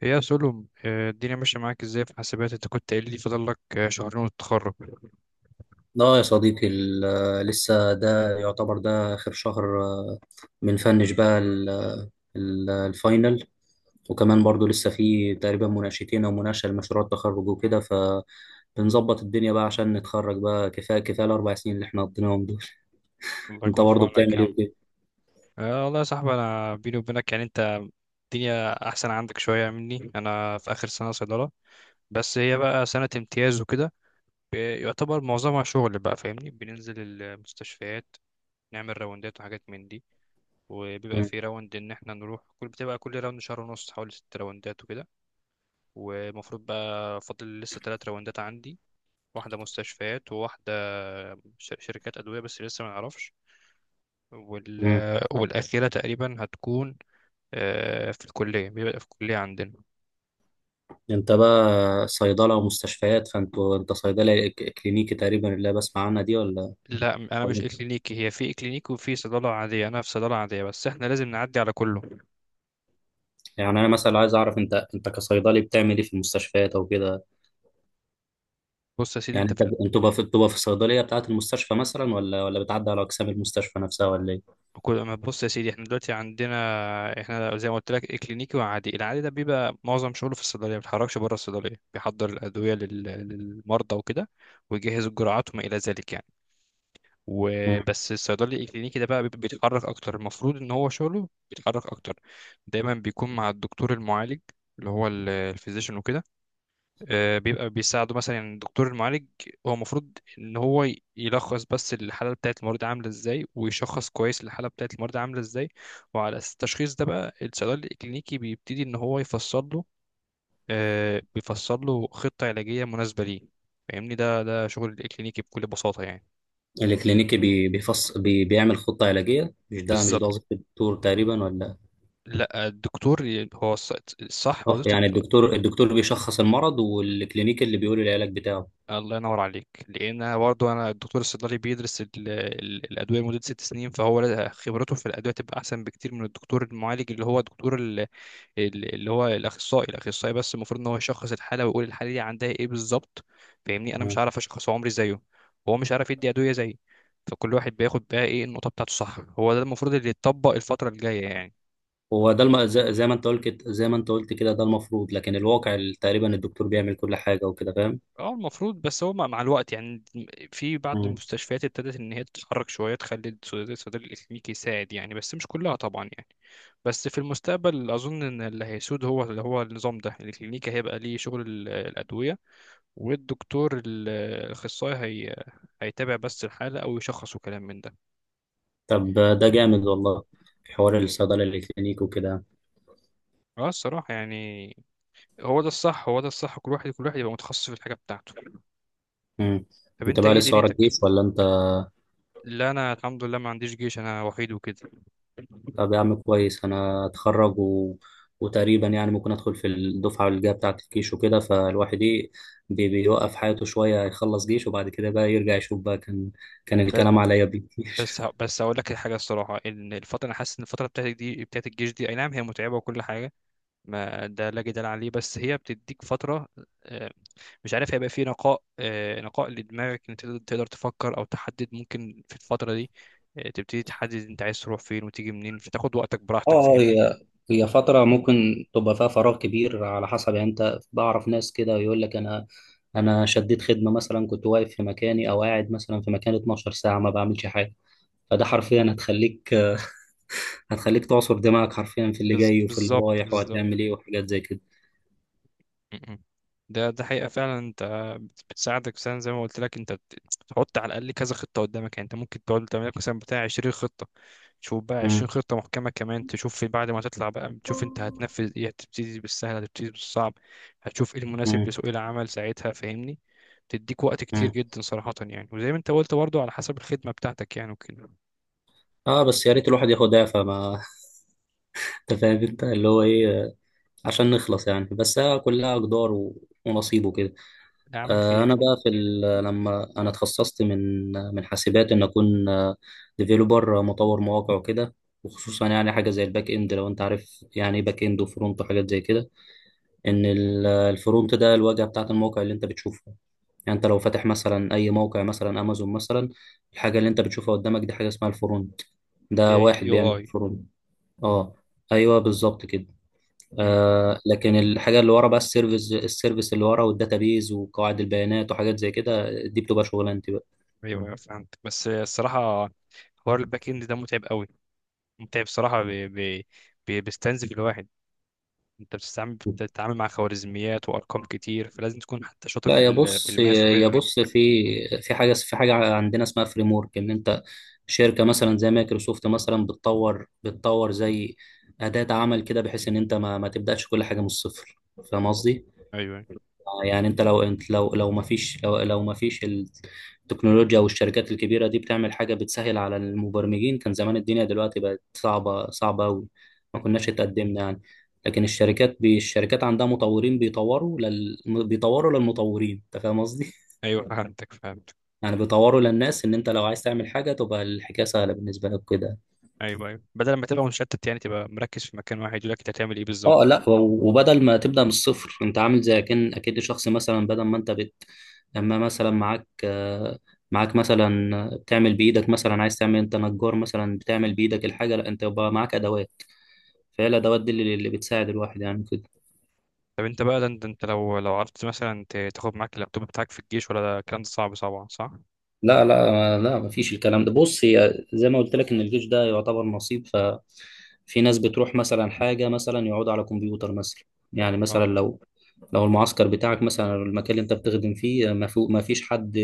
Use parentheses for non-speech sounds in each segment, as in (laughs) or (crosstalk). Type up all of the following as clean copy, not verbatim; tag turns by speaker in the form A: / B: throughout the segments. A: هي يا سولو الدنيا ماشية معاك ازاي في حاسبات؟ انت كنت قايل لي فاضل لك شهرين وتتخرج.
B: لا يا صديقي لسه ده يعتبر ده آخر شهر، بنفنش بقى الفاينل. وكمان برضو لسه في تقريبا مناقشتين أو مناقشة لمشروع التخرج وكده، فبنظبط الدنيا بقى عشان نتخرج بقى. كفاية كفاية الأربع سنين اللي احنا قضيناهم دول. (laughs)
A: الله
B: أنت
A: يكون في
B: برضو بتعمل
A: عونك يا
B: إيه
A: عم.
B: وكده؟
A: آه والله يا صاحبي، انا بيني وبينك يعني انت الدنيا احسن عندك شوية مني. انا في اخر سنة صيدلة، بس هي بقى سنة امتياز وكده. يعتبر معظمها شغل بقى، فاهمني، بننزل المستشفيات، نعمل راوندات وحاجات من دي. وبيبقى
B: مم.
A: في راوند ان احنا نروح كل راوند شهر ونص، حوالي 6 راوندات وكده. والمفروض بقى فاضل لسه 3 راوندات عندي، واحدة مستشفيات وواحدة شركات أدوية، بس لسه ما نعرفش. وال...
B: مم.
A: والأخيرة تقريبا هتكون في الكلية، بيبقى في الكلية عندنا.
B: أنت بقى صيدلة ومستشفيات، أنت صيدلة كلينيكي تقريبا اللي أنا بسمع عنها دي، ولا
A: لا، أنا مش
B: إيه؟
A: إكلينيكي. هي في إكلينيكي وفي صيدلة عادية، أنا في صيدلة عادية، بس إحنا لازم نعدي على كله.
B: يعني أنا مثلا عايز أعرف، أنت كصيدلي بتعمل إيه في المستشفيات أو كده؟
A: بص يا سيدي، أنت
B: يعني
A: في
B: طب انتوا بقى بتبقى في الصيدليه بتاعه المستشفى مثلا، ولا بتعدي على اقسام المستشفى نفسها، ولا ايه؟
A: ما بص يا سيدي، إحنا دلوقتي عندنا. إحنا زي ما قلت لك، إكلينيكي وعادي. العادي ده بيبقى معظم شغله في الصيدلية، ما بيتحركش بره الصيدلية، بيحضر الأدوية للمرضى وكده، ويجهز الجرعات وما إلى ذلك يعني.
B: مم.
A: وبس الصيدلي الكلينيكي ده بقى، بيبقى بيتحرك اكتر، المفروض ان هو شغله بيتحرك اكتر. دايما بيكون مع الدكتور المعالج، اللي هو الفيزيشن وكده. بيبقى بيساعده مثلا، يعني الدكتور المعالج هو المفروض ان هو يلخص بس الحاله بتاعت المريض عامله ازاي، ويشخص كويس الحاله بتاعت المريض عامله ازاي. وعلى اساس التشخيص ده بقى، الصيدلي الكلينيكي بيبتدي ان هو يفصل له، بيفصل له خطه علاجيه مناسبه ليه. فاهمني، ده شغل الكلينيكي بكل بساطه يعني.
B: الكلينيكي بي بيفص بي بيعمل خطه علاجيه؟ مش ده
A: بالظبط.
B: وظيفه الدكتور تقريبا ولا؟
A: لا، الدكتور هو الصح
B: اه،
A: وظيفة
B: يعني الدكتور بيشخص المرض والكلينيكي اللي بيقول العلاج بتاعه.
A: الله ينور عليك. لأن أنا برضه، أنا الدكتور الصيدلي بيدرس الأدوية لمدة 6 سنين. فهو خبرته في الأدوية تبقى أحسن بكتير من الدكتور المعالج، اللي هو دكتور اللي هو الأخصائي، بس المفروض إن هو يشخص الحالة ويقول الحالة دي عندها إيه بالظبط. فاهمني، أنا مش
B: مم.
A: عارف أشخص عمري زيه، وهو مش عارف يدي أدوية زيي. فكل واحد بياخد بقى إيه النقطة بتاعته، صح، هو ده المفروض اللي يتطبق الفترة الجاية يعني.
B: هو ده زي ما انت قلت كده، ده المفروض، لكن الواقع تقريبا الدكتور بيعمل كل حاجه وكده، فاهم؟
A: اه، المفروض بس هو مع الوقت يعني، في بعض
B: مم.
A: المستشفيات ابتدت ان هي تتحرك شويه، تخلي الصيدلي الاكلينيكي يساعد يعني، بس مش كلها طبعا يعني. بس في المستقبل اظن ان اللي هيسود، هو اللي هو النظام ده الاكلينيكي، هيبقى ليه شغل الادويه. والدكتور الاخصائي، هي، هيتابع بس الحاله او يشخص وكلام من ده.
B: طب ده جامد والله، حوار الصيدله الكلينيكي وكده.
A: اه، الصراحه يعني، هو ده الصح، هو ده الصح. كل واحد، كل واحد يبقى متخصص في الحاجه بتاعته.
B: مم.
A: طب
B: انت
A: انت
B: بقى
A: ايه
B: لسه ورا
A: دنيتك؟
B: الجيش ولا انت؟
A: لا، انا الحمد لله ما عنديش جيش، انا وحيد وكده.
B: طب يا عم كويس، انا اتخرج و... وتقريبا يعني ممكن ادخل في الدفعه اللي جايه بتاعه الجيش وكده، فالواحد ايه، بيوقف حياته شويه يخلص جيش، وبعد كده بقى يرجع يشوف بقى، كان كان الكلام عليا بيه.
A: بس
B: (laughs)
A: ه- بس هقول لك حاجه، الصراحه ان انا حاسس ان الفتره بتاعتك دي بتاعت الجيش دي، اي نعم هي متعبه وكل حاجه، ما ده لا جدال عليه، بس هي بتديك فتره، آه، مش عارف هيبقى في نقاء، نقاء لدماغك، ان تقدر تفكر او تحدد ممكن في الفتره دي، تبتدي تحدد انت عايز تروح فين وتيجي منين، فتاخد وقتك براحتك،
B: اه،
A: فاهمني.
B: هي هي فترة ممكن تبقى فيها فراغ كبير على حسب يعني. انت، بعرف ناس كده يقول لك انا انا شديت خدمة مثلا كنت واقف في مكاني، او قاعد مثلا في مكان 12 ساعة ما بعملش حاجة. فده حرفيا هتخليك تعصر دماغك حرفيا، في اللي جاي وفي اللي
A: بالظبط،
B: رايح وهتعمل
A: بالظبط.
B: ايه وحاجات زي كده.
A: م-م. ده حقيقة فعلا، انت بتساعدك مثلا، زي ما قلت لك، انت بتحط على الأقل كذا خطة قدامك يعني، انت ممكن تقعد تعمل لك مثلا بتاع 20 خطة، تشوف بقى 20
B: مم.
A: خطة محكمة كمان، تشوف في بعد ما تطلع بقى، تشوف انت هتنفذ ايه، هتبتدي بالسهل هتبتدي بالصعب، هتشوف ايه المناسب
B: مم.
A: لسوق العمل ساعتها، فاهمني. تديك وقت كتير
B: مم.
A: جدا صراحة يعني، وزي ما انت قلت برضه على حسب الخدمة بتاعتك يعني وكده.
B: اه بس يا ريت الواحد ياخد دافع ما. (laughs) انت
A: مم.
B: فاهم، انت اللي هو ايه، عشان نخلص يعني. بس هي كلها اقدار و... ونصيبه كده.
A: يا عم
B: آه،
A: خير.
B: انا بقى في لما انا اتخصصت من حاسبات ان اكون ديفيلوبر، مطور مواقع وكده. وخصوصا يعني حاجه زي الباك اند، لو انت عارف يعني ايه باك اند وفرونت وحاجات زي كده. ان الفرونت ده الواجهه بتاعت الموقع اللي انت بتشوفه. يعني انت لو فاتح مثلا اي موقع، مثلا امازون مثلا، الحاجه اللي انت بتشوفها قدامك دي حاجه اسمها الفرونت. ده
A: هي،
B: واحد
A: يو
B: بيعمل
A: اي
B: فرونت.
A: اه.
B: اه. ايوه بالظبط كده.
A: مم.
B: آه، لكن الحاجه اللي ورا بقى، السيرفيس، السيرفيس اللي ورا والداتابيز وقواعد البيانات وحاجات زي كده، دي بتبقى شغلانتي بقى.
A: ايوه، ايوه، فهمت. بس الصراحة حوار الباك اند ده متعب قوي، انت بصراحة بيستنزف الواحد. انت بتتعامل مع خوارزميات وارقام كتير، فلازم تكون حتى شاطر
B: لا
A: في
B: يا
A: في
B: بص
A: الماس
B: يا
A: وكده.
B: بص في في حاجه حاجه عندنا اسمها فريم ورك. ان انت شركه مثلا زي مايكروسوفت مثلا بتطور زي اداه عمل كده بحيث ان انت ما تبداش كل حاجه من الصفر، فاهم قصدي؟
A: ايوه، ايوه.
B: يعني انت لو ما فيش التكنولوجيا والشركات الكبيره دي بتعمل حاجه بتسهل على المبرمجين، كان زمان الدنيا دلوقتي بقت صعبه صعبه قوي، ما كناش
A: ايوه،
B: اتقدمنا يعني. لكن الشركات الشركات عندها مطورين بيطوروا للمطورين، انت فاهم قصدي.
A: ايوه، فهمتك، فهمتك.
B: (laughs) يعني بيطوروا للناس، ان انت لو عايز تعمل حاجه تبقى الحكايه سهله بالنسبه لك كده.
A: ايوه، ايوه، بدل ما تبقى مشتت يعني، تبقى مركز في مكان واحد يقول لك انت هتعمل ايه بالظبط.
B: اه، لا وبدل ما تبدا من الصفر، انت عامل زي اكن اكيد، شخص مثلا بدل ما انت بت اما مثلا معاك مثلا بتعمل بايدك، مثلا عايز تعمل، انت نجار مثلا بتعمل بايدك الحاجه، لا، انت يبقى معاك ادوات. فهي الادوات دي اللي بتساعد الواحد يعني كده.
A: طب انت بقى، ده انت لو عرفت مثلا تاخد معاك اللابتوب بتاعك في الجيش، ولا ده الكلام ده صعب، صعب، صح؟
B: لا، مفيش الكلام ده. بص، هي زي ما قلت لك ان الجيش ده يعتبر نصيب، ف في ناس بتروح مثلا حاجه مثلا يقعدوا على كمبيوتر مثلا. يعني مثلا
A: اه.
B: لو المعسكر بتاعك، مثلا المكان اللي انت بتخدم فيه، ما فيش حد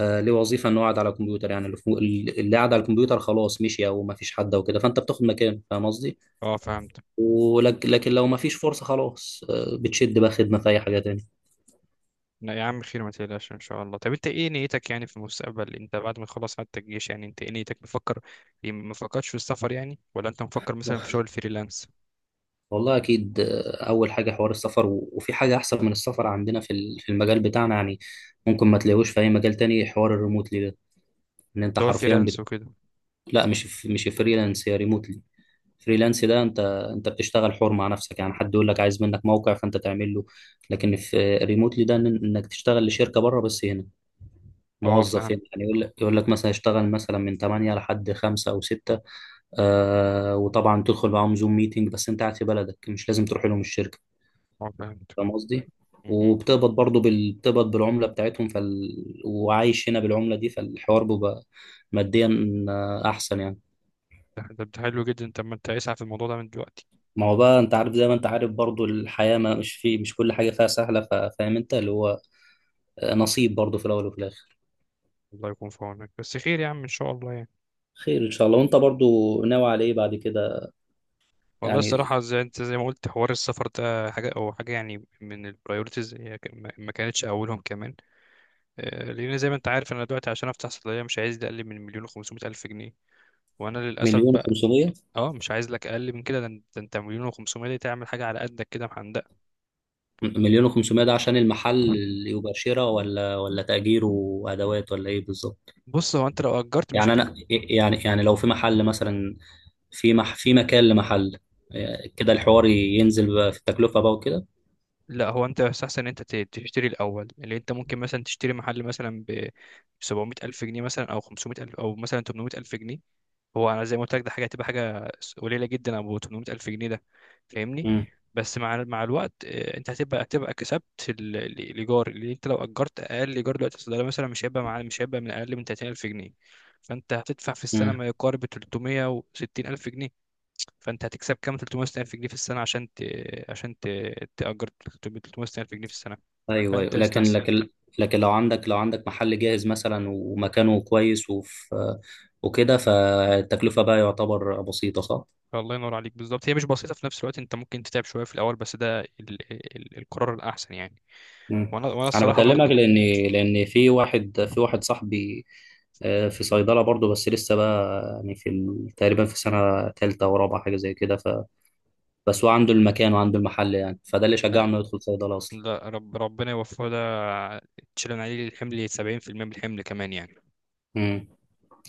B: ليه وظيفه انه قاعد على الكمبيوتر، يعني اللي قاعد على الكمبيوتر خلاص مشي او ما فيش حد وكده، فانت بتاخد مكانه، فاهم قصدي.
A: اه، فهمت.
B: ولكن لكن لو ما فيش فرصه خلاص، بتشد بقى خدمه في اي حاجه تاني.
A: لا يا عم خير، ما تقلقش ان شاء الله. طب انت ايه نيتك يعني في المستقبل؟ انت بعد ما تخلص حتى الجيش يعني، انت ايه نيتك مفكر؟ إيه، ما فكرتش في السفر يعني؟ ولا انت مفكر مثلا في شغل فريلانس؟
B: والله اكيد، اول حاجه حوار السفر، وفي حاجه احسن من السفر عندنا في في المجال بتاعنا يعني. ممكن ما تلاقيهوش في اي مجال تاني، حوار الريموتلي ده، ان انت
A: اللي هو
B: حرفيا
A: الفريلانس
B: بت...
A: وكده.
B: لا، مش فريلانس، هي ريموتلي. فريلانس ده انت بتشتغل حر مع نفسك يعني، حد يقول لك عايز منك موقع فانت تعمل له. لكن في ريموتلي ده، انك تشتغل لشركه بره، بس هنا
A: اه،
B: موظف
A: فاهم.
B: هنا يعني. يقول لك يقول لك مثلا اشتغل مثلا من 8 لحد 5 او 6. آه، وطبعا تدخل معاهم زوم ميتنج، بس انت قاعد في بلدك، مش لازم تروح لهم الشركه،
A: اه، فهمت.
B: فاهم قصدي؟
A: م- م.
B: وبتقبض برضه بتقبض بالعمله بتاعتهم، وعايش هنا بالعمله دي، فالحوار بيبقى ماديا احسن يعني.
A: ده حلو جدا. طب ما انت اسعى في الموضوع ده من دلوقتي.
B: ما هو بقى انت عارف، زي ما انت عارف برضو، الحياة ما مش مش كل حاجة فيها سهلة، فاهم انت اللي هو نصيب برضو، في الأول وفي الآخر.
A: الله يكون في عونك، بس خير يا عم ان شاء الله يعني.
B: خير إن شاء الله. وانت برضو ناوي على ايه بعد كده؟
A: والله
B: يعني
A: الصراحه، زي ما قلت، حوار السفر ده حاجه او حاجه يعني من البرايورتيز، ما كانتش اولهم كمان. لان زي ما انت عارف انا دلوقتي، عشان افتح صيدليه مش عايز ده اقل من مليون و الف جنيه، وانا للاسف
B: مليون
A: بقى.
B: وخمسمية
A: اه، مش عايز لك اقل من كده. ده انت مليون و500 دي تعمل حاجه على قدك كده محندقه.
B: مليون وخمسمية ده عشان المحل؟ اللي يبقى شراء ولا تأجير، وأدوات، ولا ايه بالظبط؟
A: بص، هو انت لو اجرت مش.
B: يعني انا يعني يعني لو في محل مثلا، في مكان لمحل كده، الحوار ينزل بقى في التكلفة بقى وكده.
A: لا، هو انت يستحسن ان انت تشتري الاول، اللي انت ممكن مثلا تشتري محل مثلا ب 700 الف جنيه مثلا، او 500 الف، او مثلا 800 الف جنيه. هو انا زي ما قلت لك، ده حاجه هتبقى حاجه قليله جدا ابو 800 الف جنيه ده، فاهمني.
B: مم.
A: بس مع الوقت، انت هتبقى كسبت الايجار، اللي انت لو اجرت. اقل ايجار دلوقتي في الصيدليه مثلا مش هيبقى من اقل من 30,000 جنيه، فانت هتدفع في السنه
B: مم.
A: ما يقارب 360,000 جنيه. فانت هتكسب كام 360,000 جنيه في السنه، عشان عشان تأجر 360,000 جنيه في السنه.
B: ايوه ايوه.
A: فانت
B: لكن
A: يستحسن.
B: لكن لكن لو عندك لو عندك محل جاهز مثلا، ومكانه كويس وفي وكده، فالتكلفه بقى يعتبر بسيطه، صح؟
A: الله ينور عليك بالظبط. هي مش بسيطه، في نفس الوقت انت ممكن تتعب شويه في الاول، بس ده القرار الاحسن يعني.
B: مم.
A: وانا
B: انا
A: الصراحه
B: بكلمك
A: برضو.
B: لان لان في واحد، في واحد صاحبي، في صيدله برضه، بس لسه بقى يعني في تقريبا في سنه ثالثه ورابعه، حاجه زي كده، ف بس هو عنده المكان وعنده المحل يعني، فده اللي شجعه
A: لا.
B: انه يدخل صيدله اصلا.
A: لا، ربنا يوفقه ده، تشيلن عليه الحمل 70% من الحمل كمان يعني.
B: مم.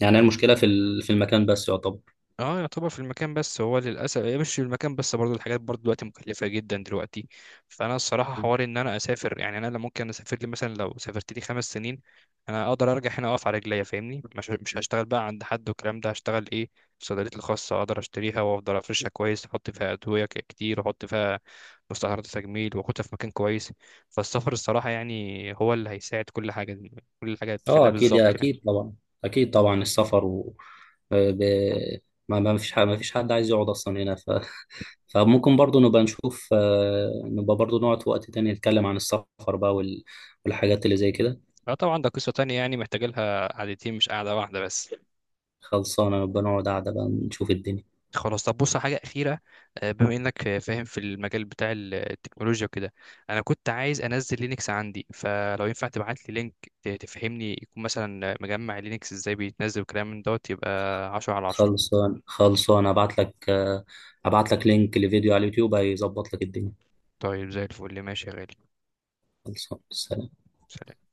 B: يعني المشكله في في المكان بس.
A: اه، يعتبر في المكان بس، هو للاسف إيه، مش في المكان بس، برضو الحاجات برضو دلوقتي مكلفه جدا دلوقتي. فانا الصراحه حوار ان انا اسافر يعني، انا لا ممكن اسافر لي مثلا، لو سافرت لي 5 سنين انا اقدر ارجع هنا اقف على رجليا فاهمني، مش هشتغل بقى عند حد والكلام ده، هشتغل ايه؟ في صيدليتي الخاصه، اقدر اشتريها وافضل افرشها كويس، احط فيها ادويه كتير، واحط فيها مستحضرات تجميل، واخدها في مكان كويس. فالسفر الصراحه يعني هو اللي هيساعد كل حاجه، كل حاجه
B: اه
A: تخليها
B: اكيد، يا
A: بالظبط يعني.
B: اكيد طبعا، اكيد طبعا السفر و ب... ما ما فيش حد، ما فيش حد عايز يقعد اصلا هنا، ف... (laughs) فممكن برضو نبقى نشوف، نبقى برضو نقعد في وقت تاني نتكلم عن السفر بقى والحاجات اللي زي كده.
A: اه طبعا، ده قصه تانية يعني، محتاجه لها قعدتين مش قاعده واحده بس.
B: خلصانه، نبقى نقعد قاعده بقى نشوف الدنيا.
A: خلاص، طب بص على حاجة أخيرة، بما إنك فاهم في المجال بتاع التكنولوجيا وكده، أنا كنت عايز أنزل لينكس عندي، فلو ينفع تبعت لي لينك تفهمني، يكون مثلا مجمع لينكس إزاي بيتنزل، وكلام من دوت، يبقى 10/10.
B: خلصان، خلصان ابعت لك ابعت لك لينك لفيديو على اليوتيوب هيظبط لك الدنيا.
A: طيب زي الفل، ماشي يا غالي.
B: خلصان، سلام.
A: سلام.